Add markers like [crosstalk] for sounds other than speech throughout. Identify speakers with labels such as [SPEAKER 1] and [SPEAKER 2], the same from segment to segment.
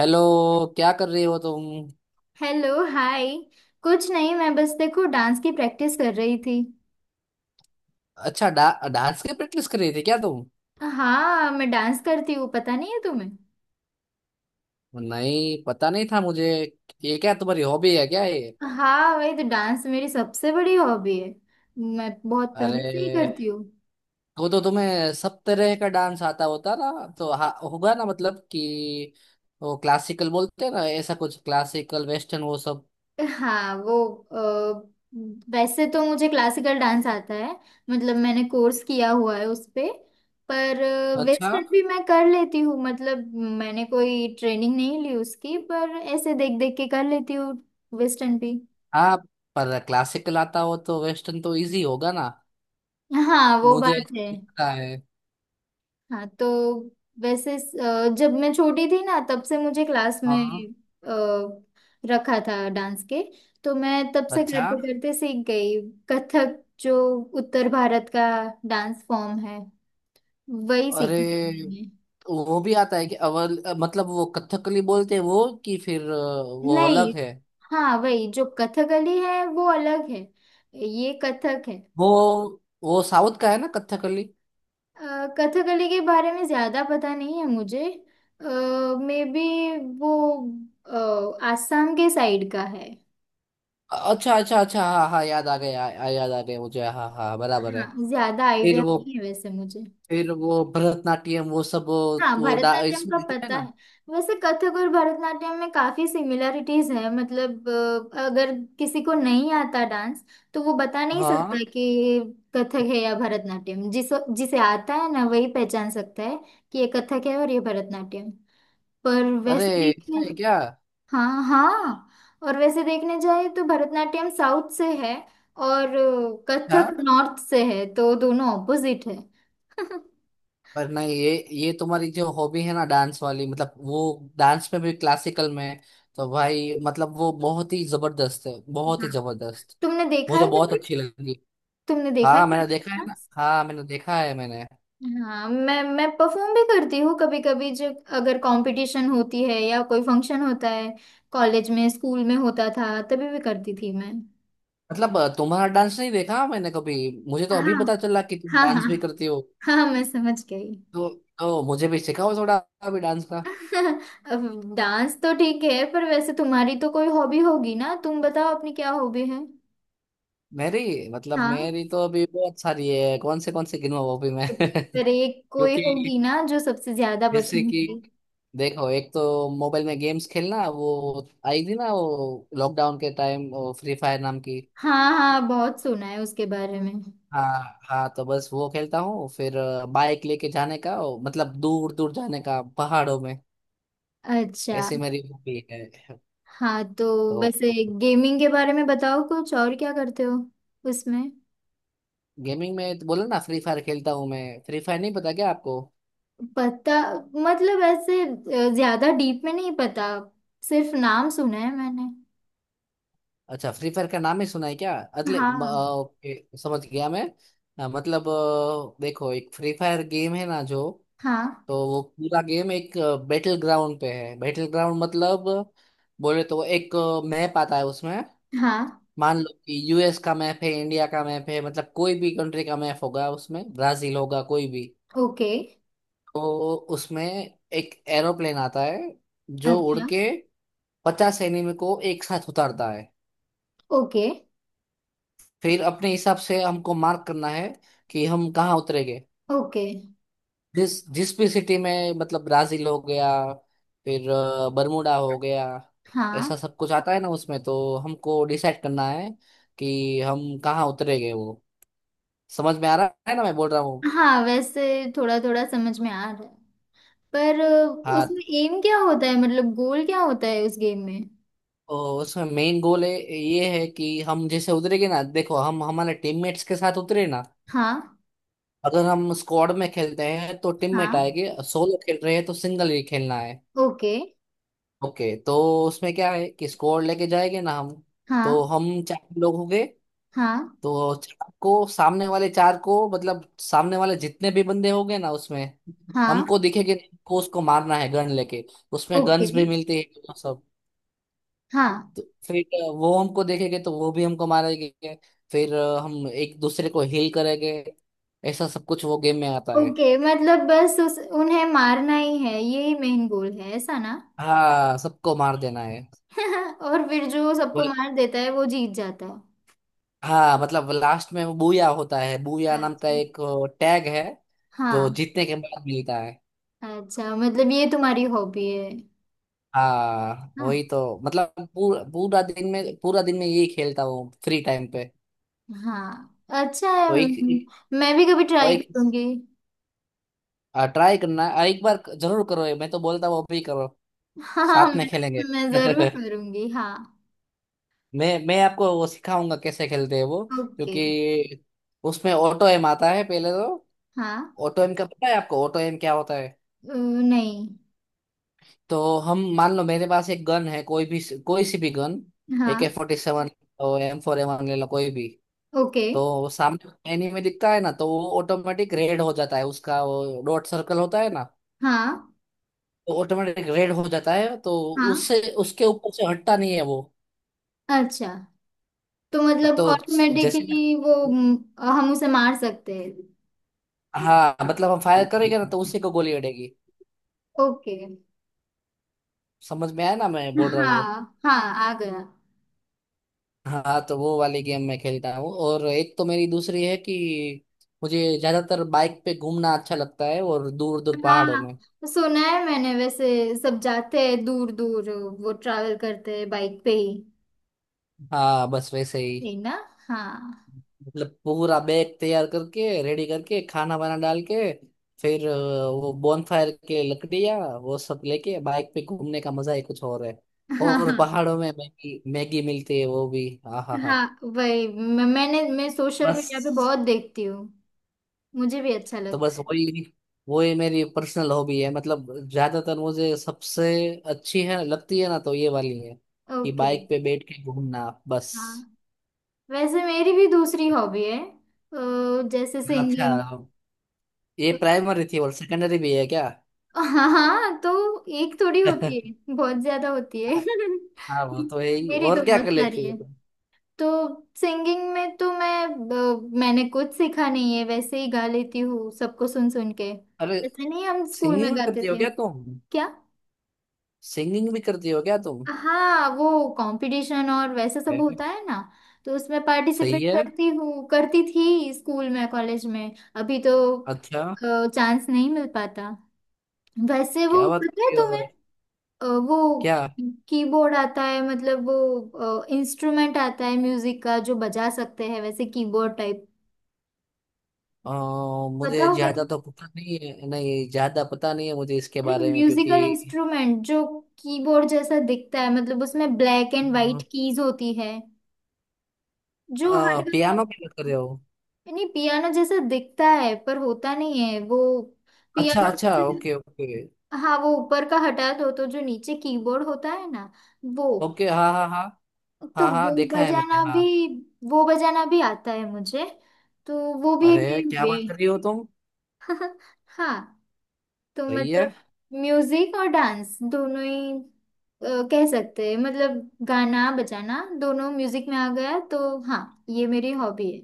[SPEAKER 1] Hello. क्या कर रहे हो तुम?
[SPEAKER 2] Hello hi. कुछ नहीं, मैं बस देखो डांस की प्रैक्टिस कर रही थी।
[SPEAKER 1] अच्छा डा, डांस की प्रैक्टिस कर रही थी क्या तुम?
[SPEAKER 2] हाँ, मैं डांस करती हूँ, पता नहीं है तुम्हें।
[SPEAKER 1] नहीं, पता नहीं था मुझे। ये क्या तुम्हारी हॉबी है क्या ये?
[SPEAKER 2] हाँ वही तो डांस मेरी सबसे बड़ी हॉबी है, मैं बहुत पहले से ही
[SPEAKER 1] अरे,
[SPEAKER 2] करती हूँ।
[SPEAKER 1] तो तुम्हें सब तरह का डांस आता होता ना। होगा ना, मतलब कि वो क्लासिकल बोलते हैं ना, ऐसा कुछ क्लासिकल, वेस्टर्न, वो सब।
[SPEAKER 2] हाँ वो अ, वैसे तो मुझे क्लासिकल डांस आता है, मतलब मैंने कोर्स किया हुआ है उस पे। पर
[SPEAKER 1] अच्छा।
[SPEAKER 2] वेस्टर्न भी मैं कर लेती हूँ, मतलब मैंने कोई ट्रेनिंग नहीं ली उसकी, पर ऐसे देख देख के कर लेती हूँ वेस्टर्न भी।
[SPEAKER 1] हाँ, पर क्लासिकल आता हो तो वेस्टर्न तो इजी होगा ना।
[SPEAKER 2] हाँ वो
[SPEAKER 1] मुझे
[SPEAKER 2] बात है।
[SPEAKER 1] लगता है।
[SPEAKER 2] हाँ तो वैसे जब मैं छोटी थी ना, तब से मुझे क्लास में
[SPEAKER 1] हाँ।
[SPEAKER 2] रखा था डांस के, तो मैं तब से
[SPEAKER 1] अच्छा।
[SPEAKER 2] करते करते सीख गई। कथक जो उत्तर भारत का डांस फॉर्म है, वही सीखा
[SPEAKER 1] अरे,
[SPEAKER 2] था मैंने।
[SPEAKER 1] वो भी आता है कि अवल, मतलब वो कथकली बोलते हैं वो, कि वो
[SPEAKER 2] नहीं,
[SPEAKER 1] अलग है।
[SPEAKER 2] हाँ वही जो कथकली है वो अलग है, ये कथक है।
[SPEAKER 1] वो वो साउथ का है ना, कथकली?
[SPEAKER 2] कथकली के बारे में ज्यादा पता नहीं है मुझे। मे बी वो आसाम के साइड का है।
[SPEAKER 1] अच्छा अच्छा अच्छा, हाँ हाँ, याद आ गया, याद आ गया मुझे, हाँ हाँ, बराबर है।
[SPEAKER 2] हाँ, ज्यादा
[SPEAKER 1] फिर
[SPEAKER 2] आइडिया
[SPEAKER 1] वो
[SPEAKER 2] नहीं है वैसे मुझे।
[SPEAKER 1] फिर वो भरतनाट्यम, वो सब,
[SPEAKER 2] हाँ भरतनाट्यम
[SPEAKER 1] इसमें
[SPEAKER 2] का
[SPEAKER 1] रहता है
[SPEAKER 2] पता
[SPEAKER 1] ना।
[SPEAKER 2] है। वैसे कथक और भरतनाट्यम में काफी सिमिलरिटीज है, मतलब अगर किसी को नहीं आता डांस, तो वो बता नहीं सकता
[SPEAKER 1] हाँ।
[SPEAKER 2] कि ये कथक है या भरतनाट्यम। जिसे आता है ना, वही पहचान सकता है कि ये कथक है और ये भरतनाट्यम। पर
[SPEAKER 1] अरे,
[SPEAKER 2] वैसे देखें।
[SPEAKER 1] ऐसा है क्या?
[SPEAKER 2] हाँ हाँ। और वैसे देखने जाए तो भरतनाट्यम साउथ से है, और कथक
[SPEAKER 1] हाँ।
[SPEAKER 2] नॉर्थ से है, तो दोनों ऑपोजिट है। [laughs]
[SPEAKER 1] पर नहीं, ये तुम्हारी जो हॉबी है ना, डांस वाली, मतलब वो डांस में भी क्लासिकल में, तो भाई मतलब वो बहुत ही जबरदस्त है, बहुत ही
[SPEAKER 2] हाँ,
[SPEAKER 1] जबरदस्त।
[SPEAKER 2] तुमने देखा
[SPEAKER 1] मुझे
[SPEAKER 2] है
[SPEAKER 1] बहुत
[SPEAKER 2] कभी?
[SPEAKER 1] अच्छी लगी।
[SPEAKER 2] तुमने देखा है
[SPEAKER 1] हाँ,
[SPEAKER 2] कभी?
[SPEAKER 1] मैंने देखा है ना, हाँ मैंने देखा है मैंने।
[SPEAKER 2] हाँ, मैं परफॉर्म भी करती हूँ कभी कभी, जब अगर कंपटीशन होती है या कोई फंक्शन होता है। कॉलेज में, स्कूल में होता था तभी भी करती थी मैं।
[SPEAKER 1] मतलब तुम्हारा डांस नहीं देखा मैंने कभी। मुझे तो
[SPEAKER 2] हाँ
[SPEAKER 1] अभी पता चला कि तुम
[SPEAKER 2] हाँ हाँ।
[SPEAKER 1] डांस भी करती हो।
[SPEAKER 2] हाँ हाँ, मैं समझ गई।
[SPEAKER 1] तो तो मुझे भी सिखाओ थोड़ा, अभी, डांस का।
[SPEAKER 2] [laughs] अब डांस तो ठीक है, पर वैसे तुम्हारी तो कोई हॉबी होगी ना, तुम बताओ अपनी क्या हॉबी है।
[SPEAKER 1] मेरी मतलब
[SPEAKER 2] हाँ।
[SPEAKER 1] मेरी तो अभी बहुत सारी है, कौन से गिनूं अभी मैं। [laughs]
[SPEAKER 2] पर एक कोई
[SPEAKER 1] क्योंकि,
[SPEAKER 2] होगी ना जो सबसे ज्यादा
[SPEAKER 1] जैसे
[SPEAKER 2] पसंद
[SPEAKER 1] कि,
[SPEAKER 2] होगी।
[SPEAKER 1] देखो, एक तो मोबाइल में गेम्स खेलना, वो आई थी ना वो लॉकडाउन के टाइम, वो फ्री फायर नाम की।
[SPEAKER 2] हाँ हाँ, बहुत सुना है उसके बारे में।
[SPEAKER 1] हाँ हाँ, तो बस वो खेलता हूँ। बाइक लेके जाने का वो, मतलब दूर दूर जाने का पहाड़ों में।
[SPEAKER 2] अच्छा।
[SPEAKER 1] ऐसी मेरी हॉबी है।
[SPEAKER 2] हाँ तो
[SPEAKER 1] तो
[SPEAKER 2] वैसे गेमिंग के बारे में बताओ, कुछ और क्या करते हो उसमें।
[SPEAKER 1] गेमिंग में तो बोला ना, फ्री फायर खेलता हूँ मैं। फ्री फायर नहीं पता क्या आपको?
[SPEAKER 2] पता, मतलब ऐसे ज्यादा डीप में नहीं पता, सिर्फ नाम सुना है मैंने।
[SPEAKER 1] अच्छा, फ्री फायर का नाम ही सुना है क्या? अगले म- अ,
[SPEAKER 2] हाँ।
[SPEAKER 1] ओके, समझ गया मैं। देखो, एक फ्री फायर गेम है ना जो,
[SPEAKER 2] हाँ
[SPEAKER 1] तो वो पूरा गेम एक बैटल ग्राउंड पे है। बैटल ग्राउंड मतलब बोले तो, एक मैप आता है उसमें।
[SPEAKER 2] हाँ।
[SPEAKER 1] मान लो कि यूएस का मैप है, इंडिया का मैप है, मतलब कोई भी कंट्री का मैप होगा उसमें, ब्राजील होगा, कोई भी।
[SPEAKER 2] ओके।
[SPEAKER 1] तो उसमें एक एरोप्लेन आता है जो उड़
[SPEAKER 2] अच्छा।
[SPEAKER 1] के 50 एनिमी को एक साथ उतारता है।
[SPEAKER 2] ओके
[SPEAKER 1] फिर अपने हिसाब से हमको मार्क करना है कि हम कहाँ उतरेंगे।
[SPEAKER 2] ओके।
[SPEAKER 1] जिस जिस भी सिटी में, मतलब ब्राजील हो गया, बरमूडा हो गया,
[SPEAKER 2] हाँ
[SPEAKER 1] ऐसा सब कुछ आता है ना उसमें। तो हमको डिसाइड करना है कि हम कहाँ उतरेंगे वो। समझ में आ रहा है ना मैं बोल रहा हूँ।
[SPEAKER 2] हाँ, वैसे थोड़ा थोड़ा समझ में आ रहा है, पर
[SPEAKER 1] हाँ,
[SPEAKER 2] उसमें एम क्या होता है, मतलब गोल क्या होता है उस गेम में।
[SPEAKER 1] तो उसमें मेन गोल है ये है कि हम जैसे उतरेंगे ना, देखो, हम हमारे टीममेट्स के साथ उतरे ना,
[SPEAKER 2] हाँ।
[SPEAKER 1] अगर हम स्क्वाड में खेलते हैं तो टीममेट
[SPEAKER 2] हाँ
[SPEAKER 1] आएंगे, सोलो खेल रहे हैं तो सिंगल ही खेलना है।
[SPEAKER 2] ओके।
[SPEAKER 1] ओके, तो उसमें क्या है कि स्क्वाड लेके जाएंगे ना हम, तो
[SPEAKER 2] हाँ
[SPEAKER 1] हम चार लोग होंगे।
[SPEAKER 2] हाँ
[SPEAKER 1] तो चार को सामने वाले, चार को मतलब सामने वाले जितने भी बंदे होंगे ना उसमें,
[SPEAKER 2] हाँ।
[SPEAKER 1] हमको दिखेंगे नहीं, हमको उसको मारना है, गन लेके। उसमें
[SPEAKER 2] ओके।
[SPEAKER 1] गन्स भी मिलती है तो, सब।
[SPEAKER 2] हाँ।
[SPEAKER 1] तो फिर वो हमको देखेंगे तो वो भी हमको मारेंगे। हम एक दूसरे को हील करेंगे। ऐसा सब कुछ वो गेम में आता है।
[SPEAKER 2] ओके, मतलब बस उस उन्हें मारना ही है, यही मेन गोल है ऐसा ना।
[SPEAKER 1] हाँ, सबको मार देना है।
[SPEAKER 2] [laughs] और फिर जो सबको
[SPEAKER 1] वो-
[SPEAKER 2] मार देता है वो जीत जाता है।
[SPEAKER 1] हाँ, मतलब लास्ट में वो बूया होता है, बूया नाम का
[SPEAKER 2] अच्छा।
[SPEAKER 1] एक टैग है जो
[SPEAKER 2] हाँ।
[SPEAKER 1] जीतने के बाद मिलता है।
[SPEAKER 2] अच्छा मतलब ये तुम्हारी हॉबी है।
[SPEAKER 1] हाँ,
[SPEAKER 2] हाँ।
[SPEAKER 1] वही तो, मतलब पूरा पूरा दिन में, पूरा दिन में यही खेलता हूँ फ्री टाइम पे।
[SPEAKER 2] हाँ अच्छा है
[SPEAKER 1] तो एक,
[SPEAKER 2] म-,
[SPEAKER 1] एक
[SPEAKER 2] मैं भी कभी
[SPEAKER 1] और
[SPEAKER 2] ट्राई
[SPEAKER 1] एक,
[SPEAKER 2] करूंगी।
[SPEAKER 1] ट्राई करना, एक बार जरूर करो ये, मैं तो बोलता हूँ, अभी करो,
[SPEAKER 2] [laughs] हाँ,
[SPEAKER 1] साथ में
[SPEAKER 2] मैं,
[SPEAKER 1] खेलेंगे।
[SPEAKER 2] मैं जरूर
[SPEAKER 1] [laughs]
[SPEAKER 2] करूंगी हाँ।
[SPEAKER 1] मैं आपको वो सिखाऊंगा कैसे खेलते हैं वो।
[SPEAKER 2] ओके।
[SPEAKER 1] क्योंकि उसमें ऑटो एम आता है पहले तो।
[SPEAKER 2] हाँ।
[SPEAKER 1] ऑटो एम का पता है आपको, ऑटो एम क्या होता है?
[SPEAKER 2] नहीं।
[SPEAKER 1] तो हम, मान लो मेरे पास एक गन है, कोई भी, कोई सी भी गन, ए के
[SPEAKER 2] हाँ।
[SPEAKER 1] फोर्टी सेवन M4, एम ले लो कोई भी।
[SPEAKER 2] ओके।
[SPEAKER 1] तो वो सामने एनीमे दिखता है ना, तो वो ऑटोमेटिक रेड हो जाता है, उसका वो डॉट सर्कल होता है ना,
[SPEAKER 2] हाँ
[SPEAKER 1] तो ऑटोमेटिक रेड हो जाता है। तो
[SPEAKER 2] हाँ,
[SPEAKER 1] उससे उसके ऊपर से हटता नहीं है वो।
[SPEAKER 2] अच्छा तो मतलब
[SPEAKER 1] तो जैसे
[SPEAKER 2] ऑटोमेटिकली वो म-, हम उसे मार सकते हैं।
[SPEAKER 1] हाँ, मतलब हम फायर करेंगे ना तो उसी को गोली अड़ेगी।
[SPEAKER 2] ओके।
[SPEAKER 1] समझ में आया ना मैं बोल रहा हूँ वो?
[SPEAKER 2] हाँ हाँ, आ गया।
[SPEAKER 1] हाँ, तो वो वाली गेम मैं खेलता हूँ। और एक तो मेरी दूसरी है कि मुझे ज्यादातर बाइक पे घूमना अच्छा लगता है, और दूर दूर पहाड़ों
[SPEAKER 2] हाँ
[SPEAKER 1] में।
[SPEAKER 2] सुना है मैंने, वैसे सब जाते हैं दूर दूर, वो ट्रैवल करते हैं बाइक पे ही।
[SPEAKER 1] हाँ, बस वैसे ही,
[SPEAKER 2] है ना। हाँ।
[SPEAKER 1] मतलब पूरा बैग तैयार करके, रेडी करके, खाना वाना डाल के, फिर अ, वो बॉनफायर के लकड़ियाँ वो सब लेके, बाइक पे घूमने का मजा ही कुछ और है।
[SPEAKER 2] [laughs] हाँ
[SPEAKER 1] और
[SPEAKER 2] हाँ।
[SPEAKER 1] पहाड़ों में मैगी मैगी मिलती है वो भी, हाँ हाँ हाँ।
[SPEAKER 2] हाँ वही म-, मैं सोशल मीडिया पे बहुत
[SPEAKER 1] बस
[SPEAKER 2] देखती हूँ, मुझे भी अच्छा
[SPEAKER 1] तो
[SPEAKER 2] लगता
[SPEAKER 1] बस
[SPEAKER 2] है।
[SPEAKER 1] वही, वही मेरी पर्सनल हॉबी है। मतलब ज्यादातर मुझे सबसे अच्छी है, लगती है ना, तो ये वाली है कि
[SPEAKER 2] ओके।
[SPEAKER 1] बाइक पे बैठ के घूमना, बस।
[SPEAKER 2] हाँ, वैसे मेरी भी दूसरी हॉबी है, जैसे
[SPEAKER 1] अच्छा,
[SPEAKER 2] सिंगिंग।
[SPEAKER 1] ये प्राइमरी थी और सेकेंडरी भी है क्या?
[SPEAKER 2] हाँ हाँ, तो एक थोड़ी होती
[SPEAKER 1] [laughs]
[SPEAKER 2] है, बहुत ज्यादा होती है।
[SPEAKER 1] हाँ वो तो है
[SPEAKER 2] [laughs]
[SPEAKER 1] ही,
[SPEAKER 2] मेरी तो
[SPEAKER 1] और क्या
[SPEAKER 2] बहुत
[SPEAKER 1] कर
[SPEAKER 2] सारी
[SPEAKER 1] लेती हो
[SPEAKER 2] है,
[SPEAKER 1] तुम?
[SPEAKER 2] तो सिंगिंग में तो मैं मैंने कुछ सीखा नहीं है, वैसे ही गा लेती हूँ सबको सुन सुन के।
[SPEAKER 1] अरे,
[SPEAKER 2] ऐसे नहीं हम स्कूल
[SPEAKER 1] सिंगिंग
[SPEAKER 2] में
[SPEAKER 1] भी
[SPEAKER 2] गाते
[SPEAKER 1] करती हो
[SPEAKER 2] थे।
[SPEAKER 1] क्या तुम?
[SPEAKER 2] क्या?
[SPEAKER 1] सिंगिंग भी करती हो क्या तुम?
[SPEAKER 2] हाँ, वो कंपटीशन और वैसे सब
[SPEAKER 1] है।
[SPEAKER 2] होता है ना, तो उसमें
[SPEAKER 1] सही
[SPEAKER 2] पार्टिसिपेट
[SPEAKER 1] है।
[SPEAKER 2] करती हूँ, करती थी स्कूल में कॉलेज में, अभी तो
[SPEAKER 1] अच्छा।
[SPEAKER 2] चांस नहीं मिल पाता। वैसे वो
[SPEAKER 1] क्या बात
[SPEAKER 2] पता है
[SPEAKER 1] कर रही
[SPEAKER 2] तुम्हें।
[SPEAKER 1] हो?
[SPEAKER 2] वो
[SPEAKER 1] क्या?
[SPEAKER 2] कीबोर्ड आता है, मतलब वो इंस्ट्रूमेंट आता है म्यूजिक का जो बजा सकते हैं, वैसे कीबोर्ड टाइप।
[SPEAKER 1] अ,
[SPEAKER 2] पता
[SPEAKER 1] मुझे
[SPEAKER 2] होगा
[SPEAKER 1] ज्यादा
[SPEAKER 2] तुम्हें,
[SPEAKER 1] तो पता नहीं है, नहीं ज्यादा पता नहीं है मुझे इसके
[SPEAKER 2] अरे
[SPEAKER 1] बारे में,
[SPEAKER 2] म्यूजिकल
[SPEAKER 1] क्योंकि,
[SPEAKER 2] इंस्ट्रूमेंट जो कीबोर्ड जैसा दिखता है, मतलब उसमें ब्लैक एंड वाइट कीज होती है, जो हर
[SPEAKER 1] पियानो की बात कर
[SPEAKER 2] गाने।
[SPEAKER 1] रहे हो?
[SPEAKER 2] नहीं, पियानो जैसा दिखता है पर होता नहीं है वो,
[SPEAKER 1] अच्छा
[SPEAKER 2] पियानो
[SPEAKER 1] अच्छा, ओके
[SPEAKER 2] से-।
[SPEAKER 1] ओके।
[SPEAKER 2] हाँ वो ऊपर का हटा दो तो जो नीचे कीबोर्ड होता है ना, वो।
[SPEAKER 1] ओके हाँ हाँ हाँ।
[SPEAKER 2] तो
[SPEAKER 1] हाँ हाँ, देखा है मैंने, हाँ।
[SPEAKER 2] वो बजाना भी आता है मुझे, तो वो भी एक
[SPEAKER 1] अरे
[SPEAKER 2] मेरी
[SPEAKER 1] क्या बात कर रही हो
[SPEAKER 2] बे।
[SPEAKER 1] तुम।
[SPEAKER 2] [laughs] हाँ, तो
[SPEAKER 1] सही है।
[SPEAKER 2] मतलब म्यूजिक और डांस दोनों ही कह सकते हैं, मतलब गाना बजाना दोनों म्यूजिक में आ गया, तो हाँ ये मेरी हॉबी है।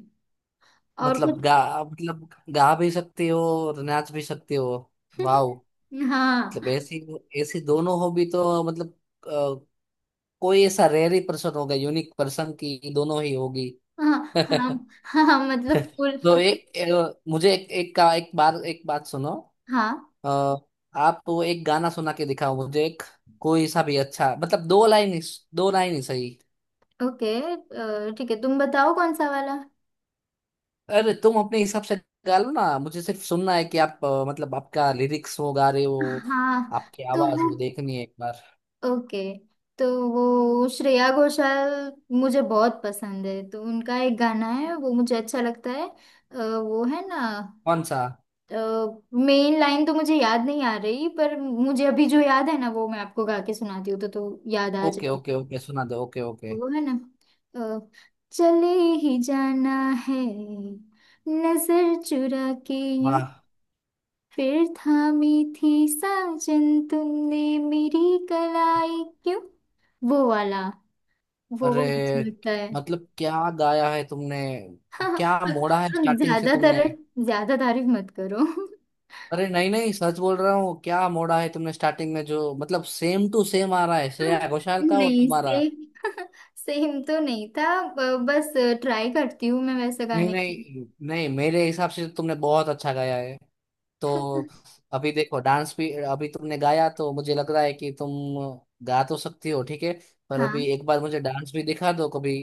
[SPEAKER 2] और
[SPEAKER 1] मतलब
[SPEAKER 2] कुछ।
[SPEAKER 1] गा, मतलब गा भी सकती हो और नाच भी सकती हो? वाह,
[SPEAKER 2] [laughs]
[SPEAKER 1] मतलब,
[SPEAKER 2] हाँ
[SPEAKER 1] ऐसी, ऐसी दोनों हॉबी तो मतलब, अ, कोई ऐसा रेयर ही पर्सन होगा, यूनिक पर्सन की दोनों ही होगी। [laughs]
[SPEAKER 2] हाँ हाँ।
[SPEAKER 1] तो
[SPEAKER 2] हाँ हाँ, मतलब फुल।
[SPEAKER 1] एक, मुझे एक, एक का, एक बार, एक बात सुनो,
[SPEAKER 2] हाँ
[SPEAKER 1] अ, आप वो एक गाना सुना के दिखाओ मुझे, एक कोई सा भी अच्छा, मतलब दो लाइन ही, दो लाइन ही सही।
[SPEAKER 2] ओके ठीक है, तुम बताओ कौन सा वाला।
[SPEAKER 1] अरे तुम अपने हिसाब से गा लो ना, मुझे सिर्फ सुनना है कि आप, मतलब आपका लिरिक्स वो गा रहे हो,
[SPEAKER 2] हाँ
[SPEAKER 1] आपकी
[SPEAKER 2] तो
[SPEAKER 1] आवाज
[SPEAKER 2] वो।
[SPEAKER 1] वो देखनी है एक बार।
[SPEAKER 2] ओके तो वो श्रेया घोषाल मुझे बहुत पसंद है, तो उनका एक गाना है वो मुझे अच्छा लगता है, वो है ना।
[SPEAKER 1] कौन सा?
[SPEAKER 2] मेन लाइन तो मुझे याद नहीं आ रही, पर मुझे अभी जो याद है ना वो मैं आपको गा के सुनाती हूँ तो याद आ
[SPEAKER 1] ओके
[SPEAKER 2] जाए।
[SPEAKER 1] ओके ओके, सुना दो, ओके ओके।
[SPEAKER 2] वो है ना अ, चले ही जाना है नजर चुरा के, यूं
[SPEAKER 1] वाह।
[SPEAKER 2] फिर थामी थी साजन तुमने मेरी कलाई क्यों। वो वाला, वो
[SPEAKER 1] अरे,
[SPEAKER 2] बहुत अच्छा लगता है।
[SPEAKER 1] मतलब क्या गाया है तुमने,
[SPEAKER 2] हाँ,
[SPEAKER 1] क्या
[SPEAKER 2] हाँ।
[SPEAKER 1] मोड़ा है
[SPEAKER 2] अब
[SPEAKER 1] स्टार्टिंग से तुमने।
[SPEAKER 2] ज्यादा तारीफ मत करो।
[SPEAKER 1] अरे नहीं नहीं, सच बोल रहा हूँ, क्या मोड़ा है तुमने स्टार्टिंग में, जो मतलब सेम टू सेम आ रहा है श्रेया घोषाल का और
[SPEAKER 2] नहीं,
[SPEAKER 1] तुम्हारा।
[SPEAKER 2] सेम सेम तो नहीं था, ब-, बस ट्राई करती हूँ मैं वैसे
[SPEAKER 1] नहीं
[SPEAKER 2] गाने की।
[SPEAKER 1] नहीं नहीं, मेरे हिसाब से तो तुमने बहुत अच्छा गाया है। तो अभी देखो, डांस भी, अभी तुमने गाया तो मुझे लग रहा है कि तुम गा तो सकती हो, ठीक है, पर
[SPEAKER 2] हाँ
[SPEAKER 1] अभी एक बार मुझे डांस भी दिखा दो कभी,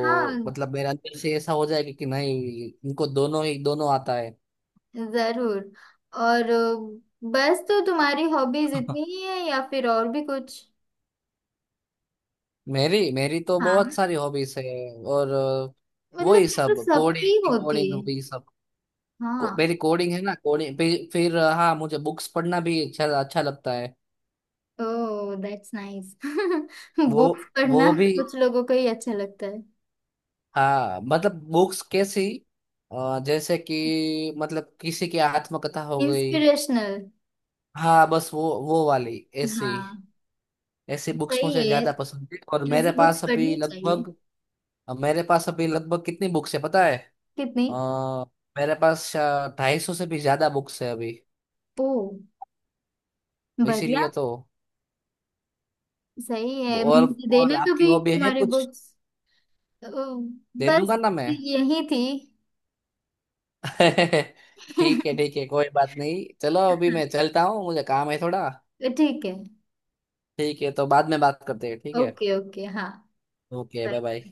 [SPEAKER 2] हाँ,
[SPEAKER 1] मतलब मेरे अंदर से ऐसा हो जाएगा कि नहीं इनको दोनों ही, दोनों आता है।
[SPEAKER 2] जरूर। और बस तो तुम्हारी हॉबीज इतनी
[SPEAKER 1] [laughs]
[SPEAKER 2] ही है या फिर और भी कुछ।
[SPEAKER 1] मेरी मेरी तो बहुत
[SPEAKER 2] हाँ,
[SPEAKER 1] सारी हॉबीज है। और
[SPEAKER 2] मतलब
[SPEAKER 1] वही
[SPEAKER 2] ये तो
[SPEAKER 1] सब,
[SPEAKER 2] सबकी
[SPEAKER 1] कोडिंग,
[SPEAKER 2] होती
[SPEAKER 1] कोडिंग
[SPEAKER 2] है।
[SPEAKER 1] वही सब,
[SPEAKER 2] हाँ।
[SPEAKER 1] मेरी कोडिंग है ना, कोडिंग, हाँ, मुझे बुक्स पढ़ना भी अच्छा अच्छा लगता है
[SPEAKER 2] ओह दैट्स नाइस।
[SPEAKER 1] वो
[SPEAKER 2] बुक्स [laughs] पढ़ना
[SPEAKER 1] वो भी।
[SPEAKER 2] कुछ लोगों को ही अच्छा लगता है।
[SPEAKER 1] हाँ, मतलब बुक्स कैसी, जैसे कि मतलब किसी की आत्मकथा हो गई,
[SPEAKER 2] इंस्पिरेशनल।
[SPEAKER 1] हाँ बस वो वाली, ऐसी,
[SPEAKER 2] हाँ।
[SPEAKER 1] ऐसी बुक्स
[SPEAKER 2] सही
[SPEAKER 1] मुझे
[SPEAKER 2] है,
[SPEAKER 1] ज्यादा पसंद है। और
[SPEAKER 2] ऐसी बुक्स पढ़नी चाहिए।
[SPEAKER 1] मेरे पास अभी लगभग कितनी बुक्स है पता है?
[SPEAKER 2] कितनी?
[SPEAKER 1] आ, मेरे पास 250 से भी ज्यादा बुक्स है अभी।
[SPEAKER 2] ओ, बढ़िया।
[SPEAKER 1] इसीलिए तो।
[SPEAKER 2] सही है,
[SPEAKER 1] और
[SPEAKER 2] मुझे देना
[SPEAKER 1] और आपकी
[SPEAKER 2] कभी
[SPEAKER 1] हॉबी है
[SPEAKER 2] तुम्हारी
[SPEAKER 1] कुछ?
[SPEAKER 2] बुक्स।
[SPEAKER 1] दे
[SPEAKER 2] बस
[SPEAKER 1] दूंगा ना मैं।
[SPEAKER 2] यही थी।
[SPEAKER 1] [laughs] ठीक है ठीक है, कोई बात नहीं, चलो अभी मैं
[SPEAKER 2] [laughs]
[SPEAKER 1] चलता हूँ, मुझे काम है थोड़ा।
[SPEAKER 2] ठीक है।
[SPEAKER 1] ठीक है, तो बाद में बात करते हैं, ठीक है?
[SPEAKER 2] ओके ओके हाँ।
[SPEAKER 1] Okay,
[SPEAKER 2] bye
[SPEAKER 1] bye bye.
[SPEAKER 2] Bye.